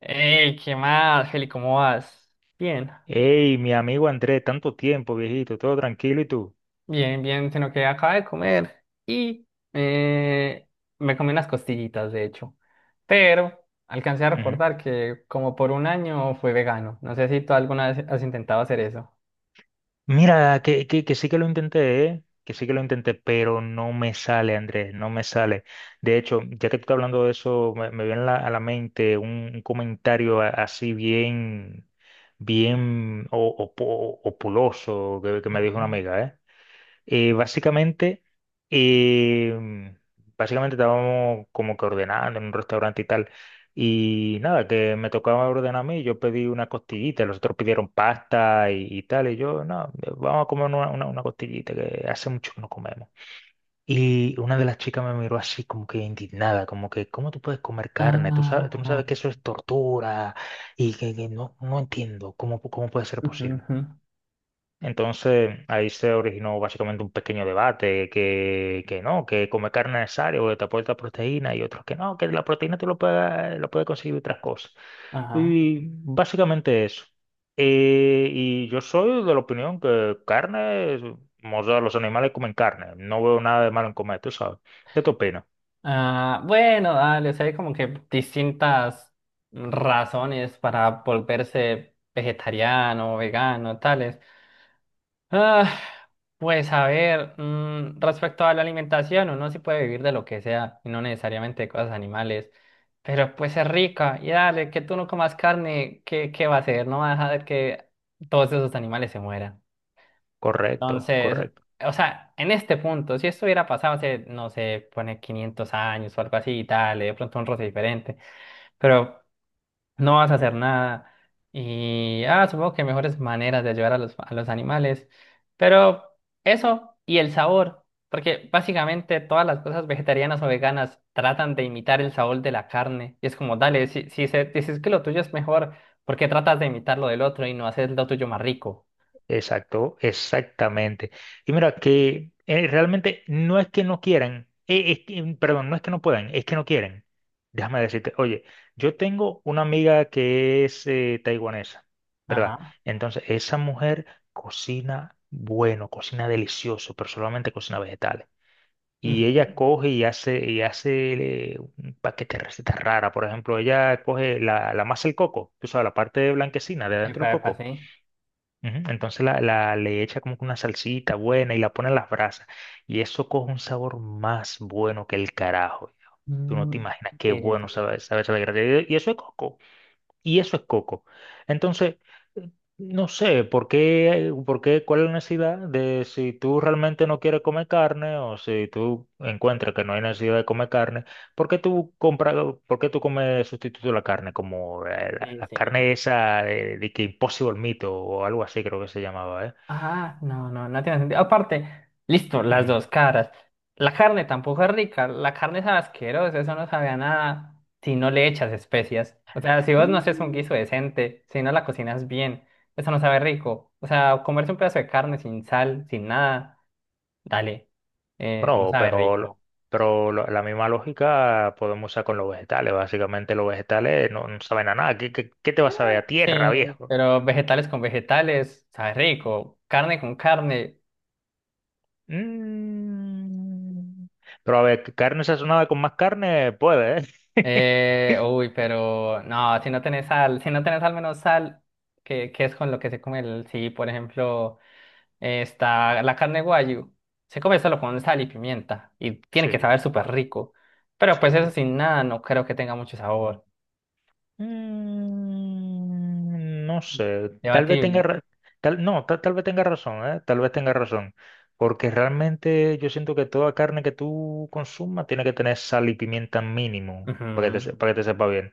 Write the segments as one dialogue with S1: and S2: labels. S1: Hey, ¿qué más, Feli? ¿Cómo vas? Bien,
S2: Hey, mi amigo Andrés, tanto tiempo, viejito, todo tranquilo y tú.
S1: bien, bien, sino que acabé de comer y eh, me comí unas costillitas, de hecho. Pero alcancé a
S2: Ujú.
S1: recordar que como por un año fui vegano. No sé si tú alguna vez has intentado hacer eso.
S2: Mira, que sí que lo intenté, ¿eh? Que sí que lo intenté, pero no me sale, Andrés, no me sale. De hecho, ya que tú estás hablando de eso, me viene a la mente un comentario así bien, bien opuloso que me dijo
S1: Ajá.
S2: una amiga, ¿eh? Básicamente, eh, básicamente estábamos como que ordenando en un restaurante y tal. Y nada, que me tocaba ordenar a mí, yo pedí una costillita, los otros pidieron pasta y tal, y yo, no, vamos a comer una costillita, que hace mucho que no comemos. Y una de las chicas me miró así como que indignada, como que, ¿cómo tú puedes comer carne? Tú sabes, tú no sabes
S1: Ah,
S2: que eso es tortura y que no, no entiendo cómo, cómo puede ser
S1: ujú,
S2: posible.
S1: ujú.
S2: Entonces ahí se originó básicamente un pequeño debate que no, que comer carne es necesario, porque te aporta proteína y otros que no, que la proteína tú lo puedes conseguir de otras cosas.
S1: Ajá.
S2: Y básicamente eso. Y yo soy de la opinión que carne, o sea, los animales comen carne, no veo nada de malo en comer, tú sabes. ¿Qué te opinas?
S1: Ah, bueno, dale, o sea, hay como que distintas razones para volverse vegetariano, vegano, tales. Ah, pues a ver, respecto a la alimentación, uno sí puede vivir de lo que sea, y no necesariamente de cosas animales, pero pues es rica, y dale, que tú no comas carne, ¿qué va a hacer? No va a dejar que todos esos animales se mueran.
S2: Correcto,
S1: Entonces,
S2: correcto.
S1: o sea, en este punto, si esto hubiera pasado hace, no sé, pone 500 años o algo así y tal, de pronto un roce diferente, pero no vas a hacer nada. Y ah, supongo que mejores maneras de ayudar a los animales. Pero eso y el sabor, porque básicamente todas las cosas vegetarianas o veganas tratan de imitar el sabor de la carne. Y es como, dale, si, si se, dices que lo tuyo es mejor, ¿por qué tratas de imitar lo del otro y no hacer lo tuyo más rico?
S2: Exacto, exactamente. Y mira que realmente no es que no quieran, perdón, no es que no puedan, es que no quieren. Déjame decirte, oye, yo tengo una amiga que es taiwanesa, ¿verdad?
S1: Ajá.
S2: Entonces, esa mujer cocina bueno, cocina delicioso, pero solamente cocina vegetales. Y ella
S1: Ujú.
S2: coge y hace un paquete de recetas raras. Por ejemplo, ella coge la masa del coco, tú sabes, la parte blanquecina de adentro del
S1: Epa, epa,
S2: coco.
S1: sí.
S2: Ujú, entonces le echa como que una salsita buena y la pone en las brasas. Y eso coge un sabor más bueno que el carajo, viejo. Tú no te
S1: Mm,
S2: imaginas qué
S1: sí, sí,
S2: bueno sabe, sabe esa desgracia. Y eso es coco. Y eso es coco. Entonces, eh, no sé por qué, cuál es la necesidad de si tú realmente no quieres comer carne o si tú encuentras que no hay necesidad de comer carne, ¿por qué tú compras, por qué tú comes sustituto de la carne? Como
S1: sí,
S2: la
S1: sí, sí.
S2: carne esa de que Impossible Meat o algo así creo que se llamaba, ¿eh?
S1: Ah, no, no, no tiene sentido. Aparte, listo, las
S2: Ujú.
S1: dos caras. La carne tampoco es rica, la carne sabe asquerosa, eso no sabe a nada si no le echas especias. O sea, si vos no haces un
S2: Mm.
S1: guiso decente, si no la cocinas bien, eso no sabe rico. O sea, comerse un pedazo de carne sin sal, sin nada, dale, no
S2: Bueno,
S1: sabe rico.
S2: pero la misma lógica podemos usar con los vegetales. Básicamente los vegetales no, no saben a nada. ¿ qué te va a saber
S1: Ah,
S2: a
S1: sí,
S2: tierra, viejo?
S1: pero vegetales con vegetales, sabe rico. Carne con carne.
S2: Mm. Pero a ver, que carne sazonada con más carne puede, ¿eh?
S1: Pero no, si no tenés sal, si no tenés al menos sal, que es con lo que se come el, sí, por ejemplo, está la carne guayu, se come solo con sal y pimienta y tiene que saber
S2: Sí,
S1: súper
S2: correcto.
S1: rico, pero pues
S2: Sí.
S1: eso sin nada no creo que tenga mucho sabor,
S2: Mm, no sé, tal vez tenga
S1: debatible.
S2: ra- tal, no, ta- tal vez tenga razón, ¿eh? Tal vez tenga razón. Porque realmente yo siento que toda carne que tú consumas tiene que tener sal y pimienta mínimo para que
S1: Ujú,
S2: para que te sepa bien.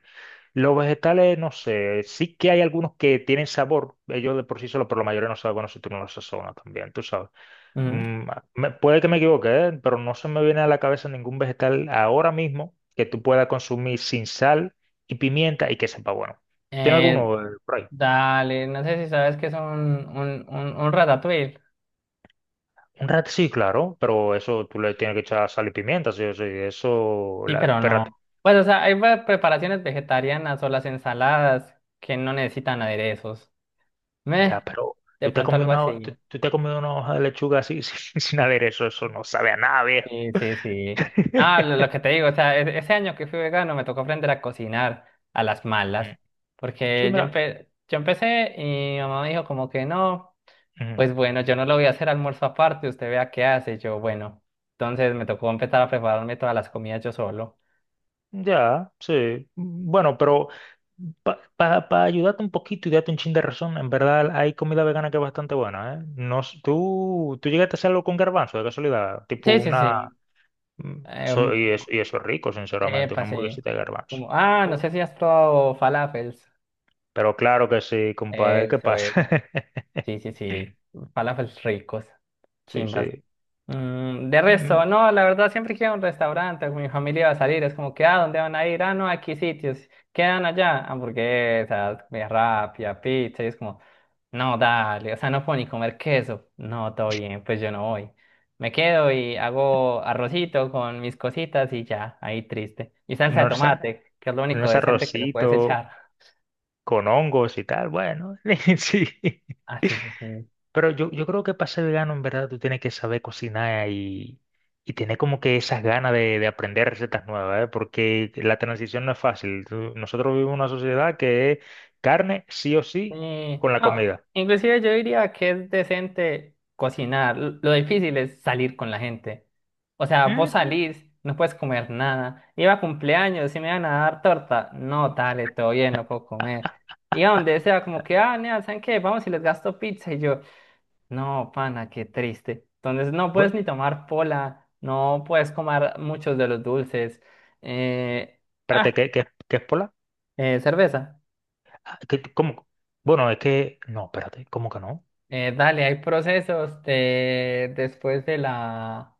S2: Los vegetales, no sé, sí que hay algunos que tienen sabor, ellos de por sí solo, pero la mayoría no saben, bueno, si tú no los sazonas también, tú sabes.
S1: ujú.
S2: Mm, puede que me equivoque, ¿eh? Pero no se me viene a la cabeza ningún vegetal ahora mismo que tú puedas consumir sin sal y pimienta y que sepa bueno. ¿Tiene
S1: Eh,
S2: alguno por ahí?
S1: Dale, no sé si sabes que es un ratatouille,
S2: Un rat sí, claro, pero eso tú le tienes que echar sal y pimienta, sí, sí, eso,
S1: sí,
S2: la,
S1: pero
S2: espérate,
S1: no. Pues o sea, preparaciones vegetarianas o las ensaladas que no necesitan aderezos.
S2: ya,
S1: Meh.
S2: pero
S1: De
S2: tú te has
S1: pronto
S2: comido
S1: algo
S2: una,
S1: así.
S2: tú te has comido una hoja de lechuga así sin, sin haber eso, eso no sabe a nada, viejo.
S1: Sí, sí, sí. Ah, lo que te digo, o sea, ese año que fui vegano me tocó aprender a cocinar a las malas,
S2: Mm. Sí,
S1: porque yo,
S2: mira.
S1: yo empecé y mi mamá me dijo como que no,
S2: Ujú.
S1: pues bueno, yo no lo voy a hacer almuerzo aparte, usted vea qué hace, yo bueno. Entonces me tocó empezar a prepararme todas las comidas yo solo.
S2: Ya, sí. Bueno, pero para ayudarte un poquito y darte un chin de razón, en verdad hay comida vegana que es bastante buena, ¿eh? No, tú llegaste a hacerlo con garbanzo, de casualidad, tipo
S1: Sí, sí,
S2: una...
S1: sí.
S2: mm,
S1: Eh,
S2: eso, y eso es rico, sinceramente,
S1: Epa,
S2: una
S1: sí.
S2: hamburguesita de garbanzo.
S1: Como, ah, no
S2: Oh,
S1: sé si has probado falafels.
S2: pero claro que sí, compadre, ¿qué
S1: Eso,
S2: pasa?
S1: eso. Sí, sí, sí. Falafels ricos.
S2: Sí,
S1: Chimbas.
S2: sí.
S1: Mm, de resto,
S2: Mm,
S1: no, la verdad siempre quiero un restaurante, mi familia va a salir, es como que, ah, ¿dónde van a ir? Ah, no, aquí sitios, quedan allá, hamburguesas, comida rápida, pizza, y es como, no, dale, o sea, no puedo ni comer queso, no, todo bien, pues yo no voy. Me quedo y hago arrocito con mis cositas y ya, ahí triste. Y salsa de
S2: unos,
S1: tomate, que es lo único
S2: unos
S1: decente que le puedes
S2: arrocitos
S1: echar.
S2: con hongos y tal, bueno, sí.
S1: Ah, sí, sí, sí.
S2: Pero yo creo que para ser vegano, en verdad, tú tienes que saber cocinar y tener como que esas ganas de aprender recetas nuevas, ¿eh? Porque la transición no es fácil. Nosotros vivimos en una sociedad que es carne sí o sí
S1: Sí.
S2: con la
S1: No,
S2: comida.
S1: inclusive yo diría que es decente cocinar. Lo difícil es salir con la gente. O sea, vos
S2: Ujú.
S1: salís, no puedes comer nada. Iba a cumpleaños y me iban a dar torta. No, dale, todo bien, no puedo comer. Iba donde sea, como que, ah, nea, ¿saben qué? Vamos y les gasto pizza. Y yo, no, pana, qué triste. Entonces no puedes
S2: Bueno,
S1: ni tomar pola, no puedes comer muchos de los dulces. Eh,
S2: espérate,
S1: ah,
S2: ¿ qué es pola?
S1: cerveza.
S2: Ah, ¿qué- cómo? Bueno, es que... No, espérate, ¿cómo que no?
S1: Dale, hay procesos de, después de la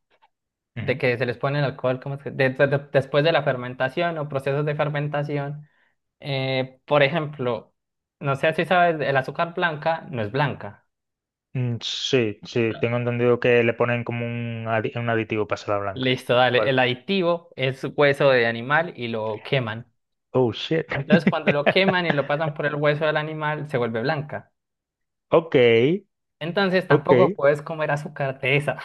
S1: de
S2: Ujú.
S1: que se les pone el alcohol, ¿cómo es que? Después de la fermentación o procesos de fermentación. Por ejemplo, no sé si sabes, el azúcar blanca no es blanca.
S2: Mm, sí, sí, tengo entendido que le ponen como un, un aditivo para hacerla blanca.
S1: Listo, dale.
S2: Vale.
S1: El aditivo es hueso de animal y lo queman.
S2: Oh, shit.
S1: Entonces, cuando lo queman y lo pasan por el hueso del animal, se vuelve blanca.
S2: Ok,
S1: Entonces, tampoco
S2: ok.
S1: puedes comer azúcar de esa.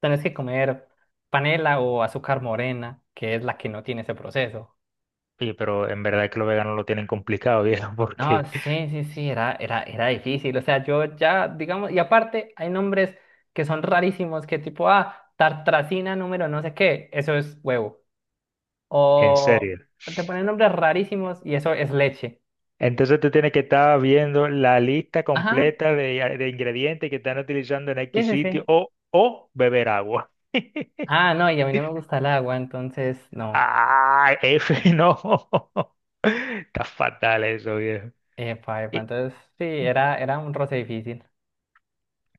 S1: Tenés que comer panela o azúcar morena, que es la que no tiene ese proceso.
S2: Oye, pero en verdad que los veganos lo tienen complicado, viejo,
S1: No,
S2: porque
S1: sí, sí, sí, era difícil. O sea, yo ya, digamos, y aparte hay nombres que son rarísimos, que tipo, ah, tartracina número no sé qué, eso es huevo.
S2: en
S1: O
S2: serio.
S1: te ponen nombres rarísimos y eso es leche.
S2: Entonces tú tienes que estar viendo la lista
S1: Ajá,
S2: completa de ingredientes que están utilizando en
S1: sí,
S2: X
S1: sí,
S2: sitio
S1: sí.
S2: o beber agua.
S1: Ah, no, y a mí no me gusta el agua, entonces no.
S2: Ah, F, no. Está fatal eso, viejo.
S1: Epa, epa, entonces sí, era un roce difícil.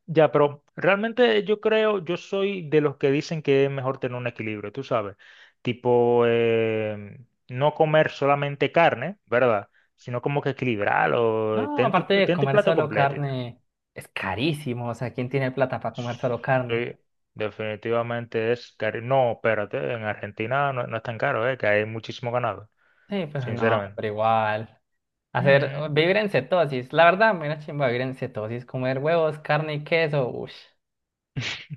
S2: Ya, pero realmente yo creo, yo soy de los que dicen que es mejor tener un equilibrio, tú sabes, tipo no comer solamente carne, ¿verdad? Sino como que equilibrarlo,
S1: No, aparte de
S2: ten tu
S1: comer
S2: plato
S1: solo
S2: completo y tal.
S1: carne, es carísimo. O sea, ¿quién tiene plata para comer solo carne?
S2: Sí, definitivamente es caro. No, espérate, en Argentina no, no es tan caro, que hay muchísimo ganado,
S1: Sí, pero no,
S2: sinceramente.
S1: pero igual. Hacer,
S2: Mm.
S1: vivir en cetosis. La verdad, me da chimba vivir en cetosis. Comer huevos, carne y queso. Uff,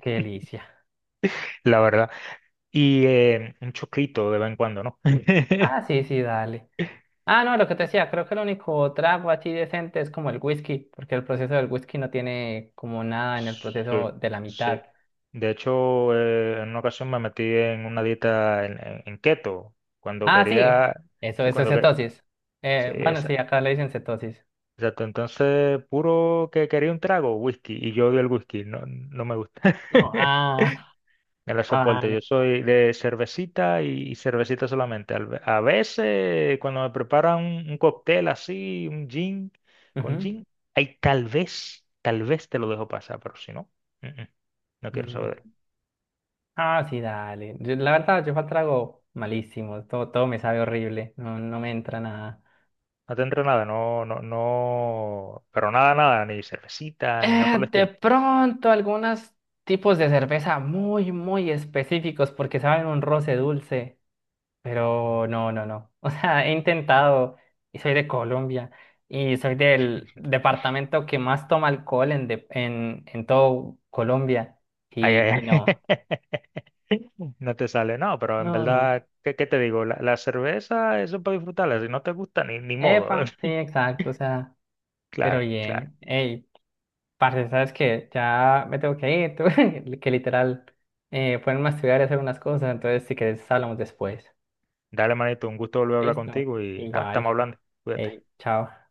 S1: qué delicia.
S2: La verdad. Y un choclito de vez en cuando, ¿no?
S1: Ah, sí, sí, dale. Ah, no, lo que te decía, creo que el único trago así decente es como el whisky, porque el proceso del whisky no tiene como nada en el proceso
S2: Sí,
S1: de la
S2: sí.
S1: mitad.
S2: De hecho, en una ocasión me metí en una dieta en keto,
S1: Ah, sí, eso, eso es
S2: cuando quería,
S1: cetosis.
S2: sí,
S1: Bueno, sí,
S2: esa-
S1: acá le dicen cetosis.
S2: exacto. Entonces, puro que quería un trago, whisky, y yo odio el whisky, no, no me gusta.
S1: No, ah,
S2: No lo
S1: ah,
S2: soporto, yo
S1: vale.
S2: soy de cervecita y cervecita solamente. A veces, cuando me preparan un cóctel así, un gin, con
S1: Ujú,
S2: gin, ahí tal vez te lo dejo pasar, pero si no, mm, mm, no quiero
S1: ujú.
S2: saber.
S1: Ah, sí, dale. La verdad, yo trago malísimo. Todo, todo me sabe horrible. No, no me entra nada.
S2: No te tendré nada, no, no, no, pero nada, nada, ni cervecita, ni nada por el
S1: De
S2: estilo.
S1: pronto, algunos tipos de cerveza muy, muy específicos porque saben un roce dulce. Pero no, no, no. O sea, he intentado y soy de Colombia y soy del departamento que más toma alcohol en todo Colombia.
S2: Ay, ay,
S1: Y
S2: ay.
S1: no,
S2: No te sale, no, pero en
S1: no, no.
S2: verdad, ¿qué, qué te digo? La cerveza, eso es para disfrutarla, si no te gusta, ni, ni modo.
S1: Epa, sí, exacto. O sea. Pero
S2: Claro, claro.
S1: bien, hey, parce, ¿sabes qué? Ya me tengo que ir, tú, que literal, ponerme a estudiar y hacer unas cosas, entonces si querés hablamos después.
S2: Dale, manito, un gusto volver a hablar
S1: Listo,
S2: contigo y nada,
S1: igual,
S2: estamos hablando. Cuídate.
S1: hey, chao.